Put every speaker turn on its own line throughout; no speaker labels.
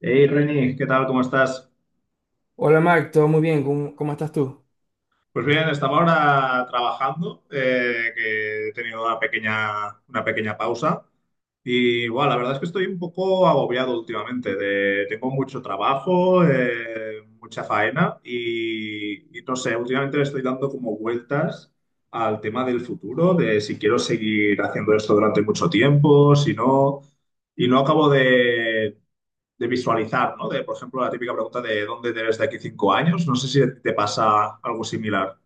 Hey Reni, ¿qué tal? ¿Cómo estás?
Hola Marc, todo muy bien, ¿cómo estás tú?
Pues bien, estaba ahora trabajando, que he tenido una pequeña pausa. Y bueno, la verdad es que estoy un poco agobiado últimamente. Tengo mucho trabajo, mucha faena y no sé, últimamente le estoy dando como vueltas al tema del futuro, de si quiero seguir haciendo esto durante mucho tiempo, si no, y no acabo de visualizar, ¿no? De, por ejemplo, la típica pregunta de ¿dónde te ves de aquí cinco años? No sé si te pasa algo similar.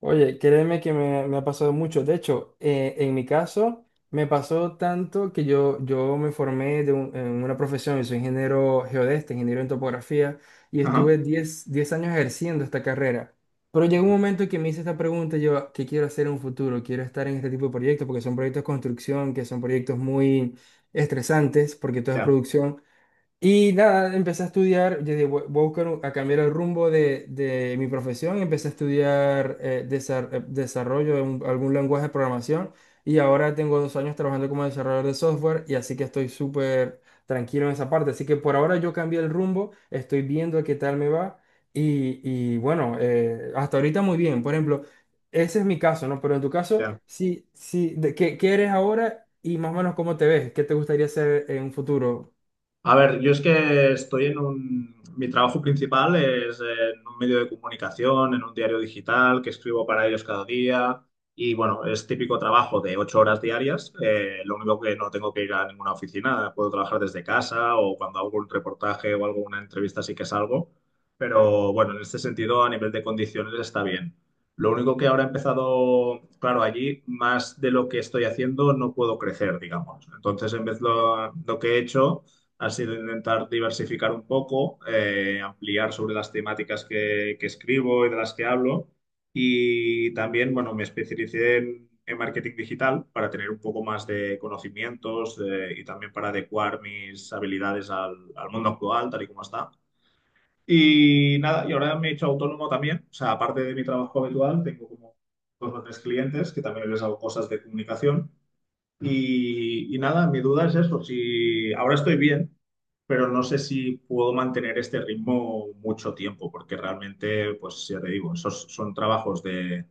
Oye, créeme que me ha pasado mucho. De hecho, en mi caso, me pasó tanto que yo me formé en una profesión, yo soy ingeniero geodesta, ingeniero en topografía, y
Ajá.
estuve diez años ejerciendo esta carrera. Pero llegó un
Vale.
momento que me hice esta pregunta, yo, ¿qué quiero hacer en un futuro? ¿Quiero estar en este tipo de proyectos? Porque son proyectos de construcción, que son proyectos muy estresantes, porque todo es
Ya,
producción. Y nada, empecé a estudiar, yo dije, voy a a cambiar el rumbo de mi profesión, empecé a estudiar desarrollo algún lenguaje de programación y ahora tengo 2 años trabajando como desarrollador de software, y así que estoy súper tranquilo en esa parte. Así que por ahora yo cambié el rumbo, estoy viendo qué tal me va y, y bueno, hasta ahorita muy bien. Por ejemplo, ese es mi caso, ¿no? Pero en tu caso,
ya.
sí, sí, de, ¿qué eres ahora y más o menos cómo te ves? ¿Qué te gustaría hacer en un futuro?
A ver, yo es que estoy en un... Mi trabajo principal es en un medio de comunicación, en un diario digital que escribo para ellos cada día. Y bueno, es típico trabajo de ocho horas diarias. Lo único que no tengo que ir a ninguna oficina. Puedo trabajar desde casa o cuando hago un reportaje o hago una entrevista sí que salgo. Pero bueno, en este sentido, a nivel de condiciones está bien. Lo único que ahora he empezado, claro, allí más de lo que estoy haciendo no puedo crecer, digamos. Entonces, en vez de lo que he hecho ha sido intentar diversificar un poco, ampliar sobre las temáticas que escribo y de las que hablo. Y también, bueno, me especialicé en marketing digital para tener un poco más de conocimientos, y también para adecuar mis habilidades al mundo actual, tal y como está. Y nada, y ahora me he hecho autónomo también. O sea, aparte de mi trabajo habitual, tengo como dos o tres clientes que también les hago cosas de comunicación. Y nada, mi duda es eso, si ahora estoy bien, pero no sé si puedo mantener este ritmo mucho tiempo, porque realmente, pues ya te digo, esos son trabajos de,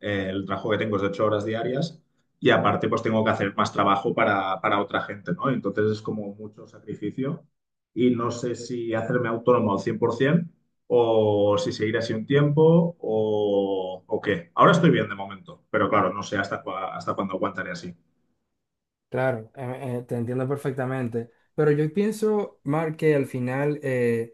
el trabajo que tengo es de ocho horas diarias y aparte pues tengo que hacer más trabajo para otra gente, ¿no? Entonces es como mucho sacrificio y no sé si hacerme autónomo al 100% o si seguir así un tiempo o qué. Ahora estoy bien de momento, pero claro, no sé hasta, hasta cuándo aguantaré así.
Claro, te entiendo perfectamente. Pero yo pienso, Mark, que al final,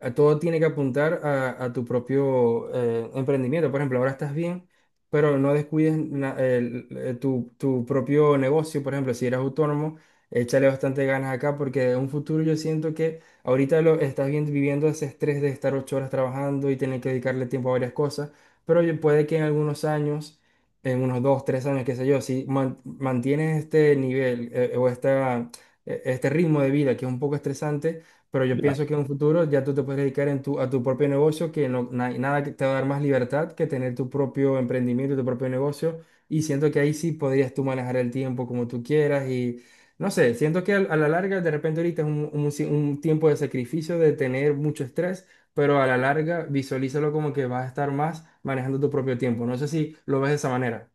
a todo tiene que apuntar a, a tu propio emprendimiento. Por ejemplo, ahora estás bien, pero no descuides tu, tu propio negocio. Por ejemplo, si eres autónomo, échale bastante ganas acá, porque en un futuro yo siento que ahorita lo estás viviendo ese estrés de estar 8 horas trabajando y tener que dedicarle tiempo a varias cosas, pero puede que en algunos años, en unos 2, 3 años, qué sé yo, si mantienes este nivel, este ritmo de vida que es un poco estresante, pero yo
Ya,
pienso que en un futuro ya tú te puedes dedicar a tu propio negocio, que nada que te va a dar más libertad que tener tu propio emprendimiento, tu propio negocio, y siento que ahí sí podrías tú manejar el tiempo como tú quieras y... No sé, siento que a la larga, de repente ahorita es un tiempo de sacrificio, de tener mucho estrés, pero a la larga visualízalo como que vas a estar más manejando tu propio tiempo. No sé si lo ves de esa manera.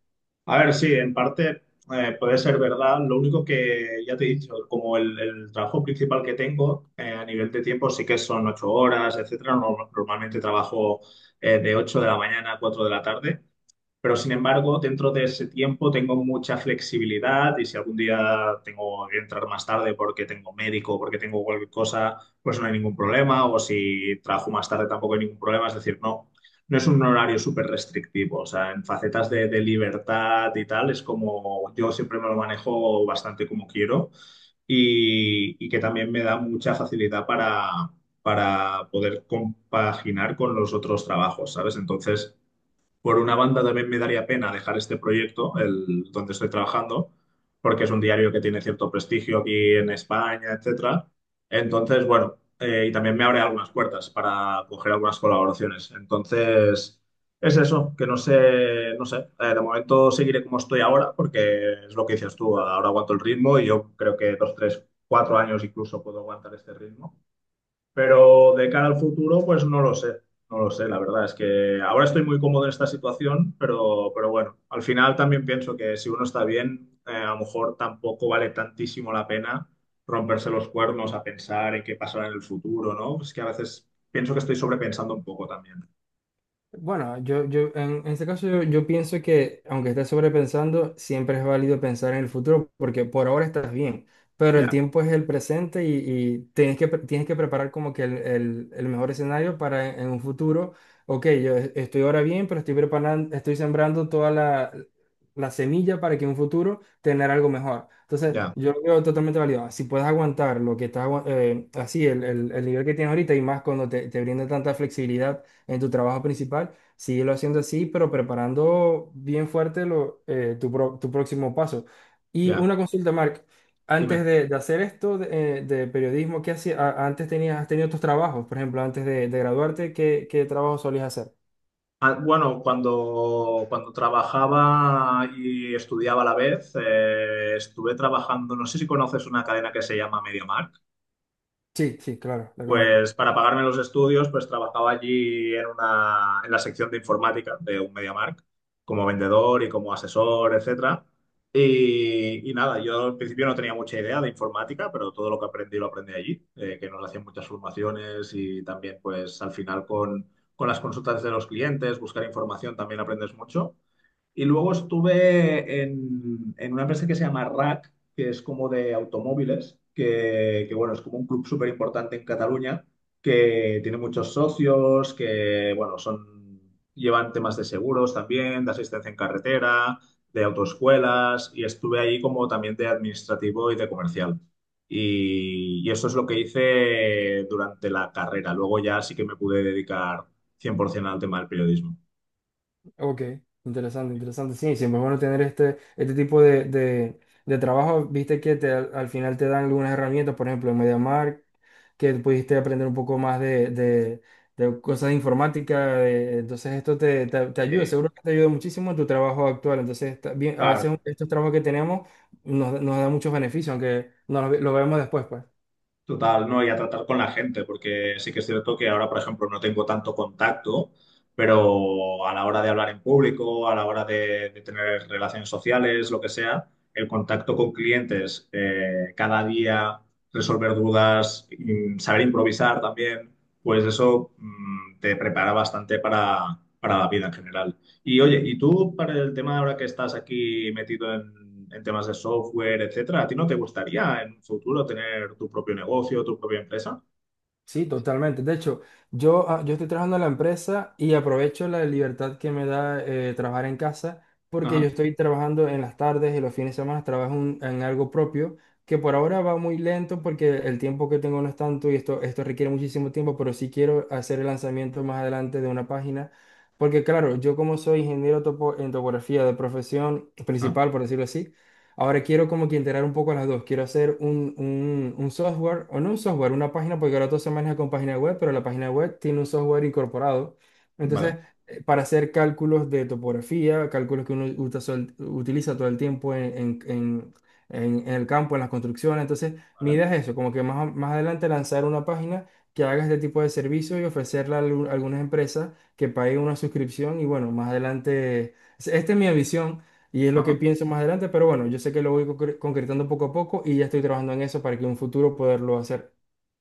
a ver, sí, en parte, puede ser verdad. Lo único que ya te he dicho, como el trabajo principal que tengo, a nivel de tiempo sí que son ocho horas, etcétera. Normalmente trabajo de ocho de la mañana a cuatro de la tarde. Pero sin embargo, dentro de ese tiempo tengo mucha flexibilidad y si algún día tengo que entrar más tarde porque tengo médico o porque tengo cualquier cosa, pues no hay ningún problema. O si trabajo más tarde tampoco hay ningún problema. Es decir, no, no es un horario súper restrictivo. O sea, en facetas de libertad y tal, es como yo siempre me lo manejo bastante como quiero y que también me da mucha facilidad para poder compaginar con los otros trabajos, ¿sabes? Entonces... Por una banda también me daría pena dejar este proyecto, el donde estoy trabajando, porque es un diario que tiene cierto prestigio aquí en España, etcétera. Entonces, bueno, y también me abre algunas puertas para coger algunas colaboraciones. Entonces, es eso, que no sé, no sé, de momento seguiré como estoy ahora, porque es lo que dices tú, ahora aguanto el ritmo y yo creo que dos, tres, cuatro años incluso puedo aguantar este ritmo. Pero de cara al futuro, pues no lo sé. No lo sé, la verdad es que ahora estoy muy cómodo en esta situación, pero bueno, al final también pienso que si uno está bien, a lo mejor tampoco vale tantísimo la pena romperse los cuernos a pensar en qué pasará en el futuro, ¿no? Es que a veces pienso que estoy sobrepensando un poco también.
Bueno, yo en este caso yo pienso que aunque estés sobrepensando, siempre es válido pensar en el futuro porque por ahora estás bien, pero el
Ya,
tiempo es el presente y tienes que, preparar como que el mejor escenario para en un futuro. Ok, yo estoy ahora bien, pero estoy preparando, estoy sembrando toda la semilla para que en un futuro tener algo mejor. Entonces,
ya,
yo lo veo totalmente válido. Si puedes aguantar lo que estás, así, el nivel que tienes ahorita, y más cuando te brinda tanta flexibilidad en tu trabajo principal, síguelo haciendo así, pero preparando bien fuerte tu próximo paso. Y
ya.
una consulta, Mark, antes
Dime.
de hacer esto de periodismo, ¿qué hacías? Antes tenías, has tenido otros trabajos, por ejemplo, antes de graduarte, ¿qué trabajo solías hacer?
Ah, bueno, cuando trabajaba y estudiaba a la vez, estuve trabajando, no sé si conoces una cadena que se llama MediaMarkt.
Sí, sí, claro, la conozco.
Pues para pagarme los estudios, pues trabajaba allí en una, en la sección de informática de un MediaMarkt, como vendedor y como asesor, etcétera. Y nada, yo al principio no tenía mucha idea de informática, pero todo lo que aprendí lo aprendí allí, que nos hacían muchas formaciones y también pues al final con las consultas de los clientes, buscar información también aprendes mucho. Y luego estuve en una empresa que se llama RAC, que es como de automóviles, que, bueno, es como un club súper importante en Cataluña, que tiene muchos socios, que bueno, son, llevan temas de seguros también, de asistencia en carretera, de autoescuelas, y estuve ahí como también de administrativo y de comercial. Y eso es lo que hice durante la carrera. Luego ya sí que me pude dedicar 100% al tema del periodismo.
Ok, interesante, interesante. Sí, siempre es bueno tener este tipo de trabajo. Viste que al final te dan algunas herramientas, por ejemplo, en MediaMarkt, que pudiste aprender un poco más de cosas de informática. Entonces, esto te ayuda,
Eh,
seguro que te ayuda muchísimo en tu trabajo actual. Entonces, está bien, a
claro.
veces estos trabajos que tenemos nos dan muchos beneficios, aunque no lo vemos después, pues.
Total, no, y a tratar con la gente, porque sí que es cierto que ahora, por ejemplo, no tengo tanto contacto, pero a la hora de hablar en público, a la hora de tener relaciones sociales, lo que sea, el contacto con clientes, cada día, resolver dudas, y saber improvisar también, pues eso, te prepara bastante para la vida en general. Y oye, ¿y tú para el tema ahora que estás aquí metido en temas de software, etcétera, ¿a ti no te gustaría en un futuro tener tu propio negocio, tu propia empresa?
Sí, totalmente. De hecho, yo estoy trabajando en la empresa y aprovecho la libertad que me da, trabajar en casa, porque
Ajá,
yo estoy trabajando en las tardes, y los fines de semana trabajo en algo propio que por ahora va muy lento porque el tiempo que tengo no es tanto, y esto requiere muchísimo tiempo, pero sí quiero hacer el lanzamiento más adelante de una página, porque claro, yo como soy ingeniero en topografía de profesión
ajá,
principal, por decirlo así, ahora quiero como que integrar un poco las dos. Quiero hacer un software, o no un software, una página, porque ahora todo se maneja con página web, pero la página web tiene un software incorporado. Entonces,
vale,
para hacer cálculos de topografía, cálculos que uno utiliza todo el tiempo en el campo, en las construcciones. Entonces, mi
vale,
idea es eso, como que más, más adelante lanzar una página que haga este tipo de servicio y ofrecerla a algunas empresas que paguen una suscripción. Y bueno, más adelante, esta es mi ambición y es lo que
ajá.
pienso más adelante, pero bueno, yo sé que lo voy concretando poco a poco, y ya estoy trabajando en eso para que en un futuro poderlo hacer.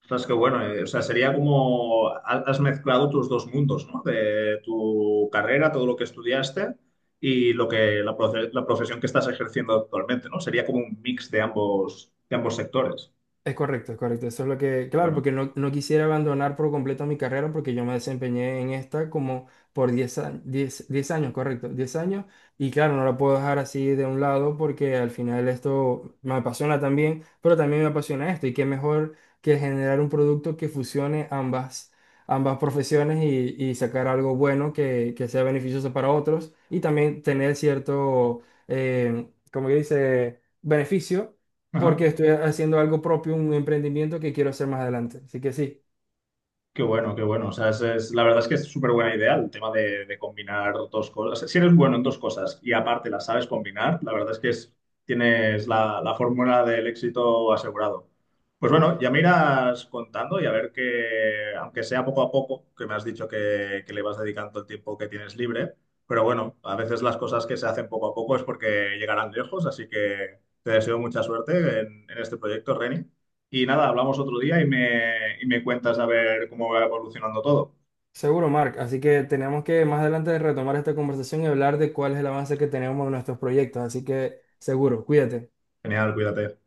Ostras, qué bueno, o sea, sería como has mezclado tus dos mundos, ¿no? De tu carrera, todo lo que estudiaste y lo que la, la profesión que estás ejerciendo actualmente, ¿no? Sería como un mix de ambos sectores.
Es correcto, es correcto. Eso es lo que, claro,
Bueno.
porque no, no quisiera abandonar por completo mi carrera, porque yo me desempeñé en esta como por 10 años, 10 10 años, correcto, 10 años. Y claro, no la puedo dejar así de un lado porque al final esto me apasiona también, pero también me apasiona esto. Y qué mejor que generar un producto que fusione ambas, ambas profesiones, y sacar algo bueno que sea beneficioso para otros, y también tener cierto, eh, como que dice, beneficio,
Ajá.
porque estoy haciendo algo propio, un emprendimiento que quiero hacer más adelante. Así que sí,
Qué bueno, qué bueno. O sea, es, la verdad es que es súper buena idea el tema de combinar dos cosas. Si eres bueno en dos cosas y aparte las sabes combinar, la verdad es que tienes la, la fórmula del éxito asegurado. Pues bueno, ya me irás contando y a ver que, aunque sea poco a poco, que me has dicho que le vas dedicando el tiempo que tienes libre, pero bueno, a veces las cosas que se hacen poco a poco es porque llegarán lejos, así que te deseo mucha suerte en este proyecto, Reni. Y nada, hablamos otro día y me cuentas a ver cómo va evolucionando todo.
seguro, Mark. Así que tenemos que más adelante retomar esta conversación y hablar de cuál es el avance que tenemos en nuestros proyectos. Así que seguro, cuídate.
Genial, cuídate.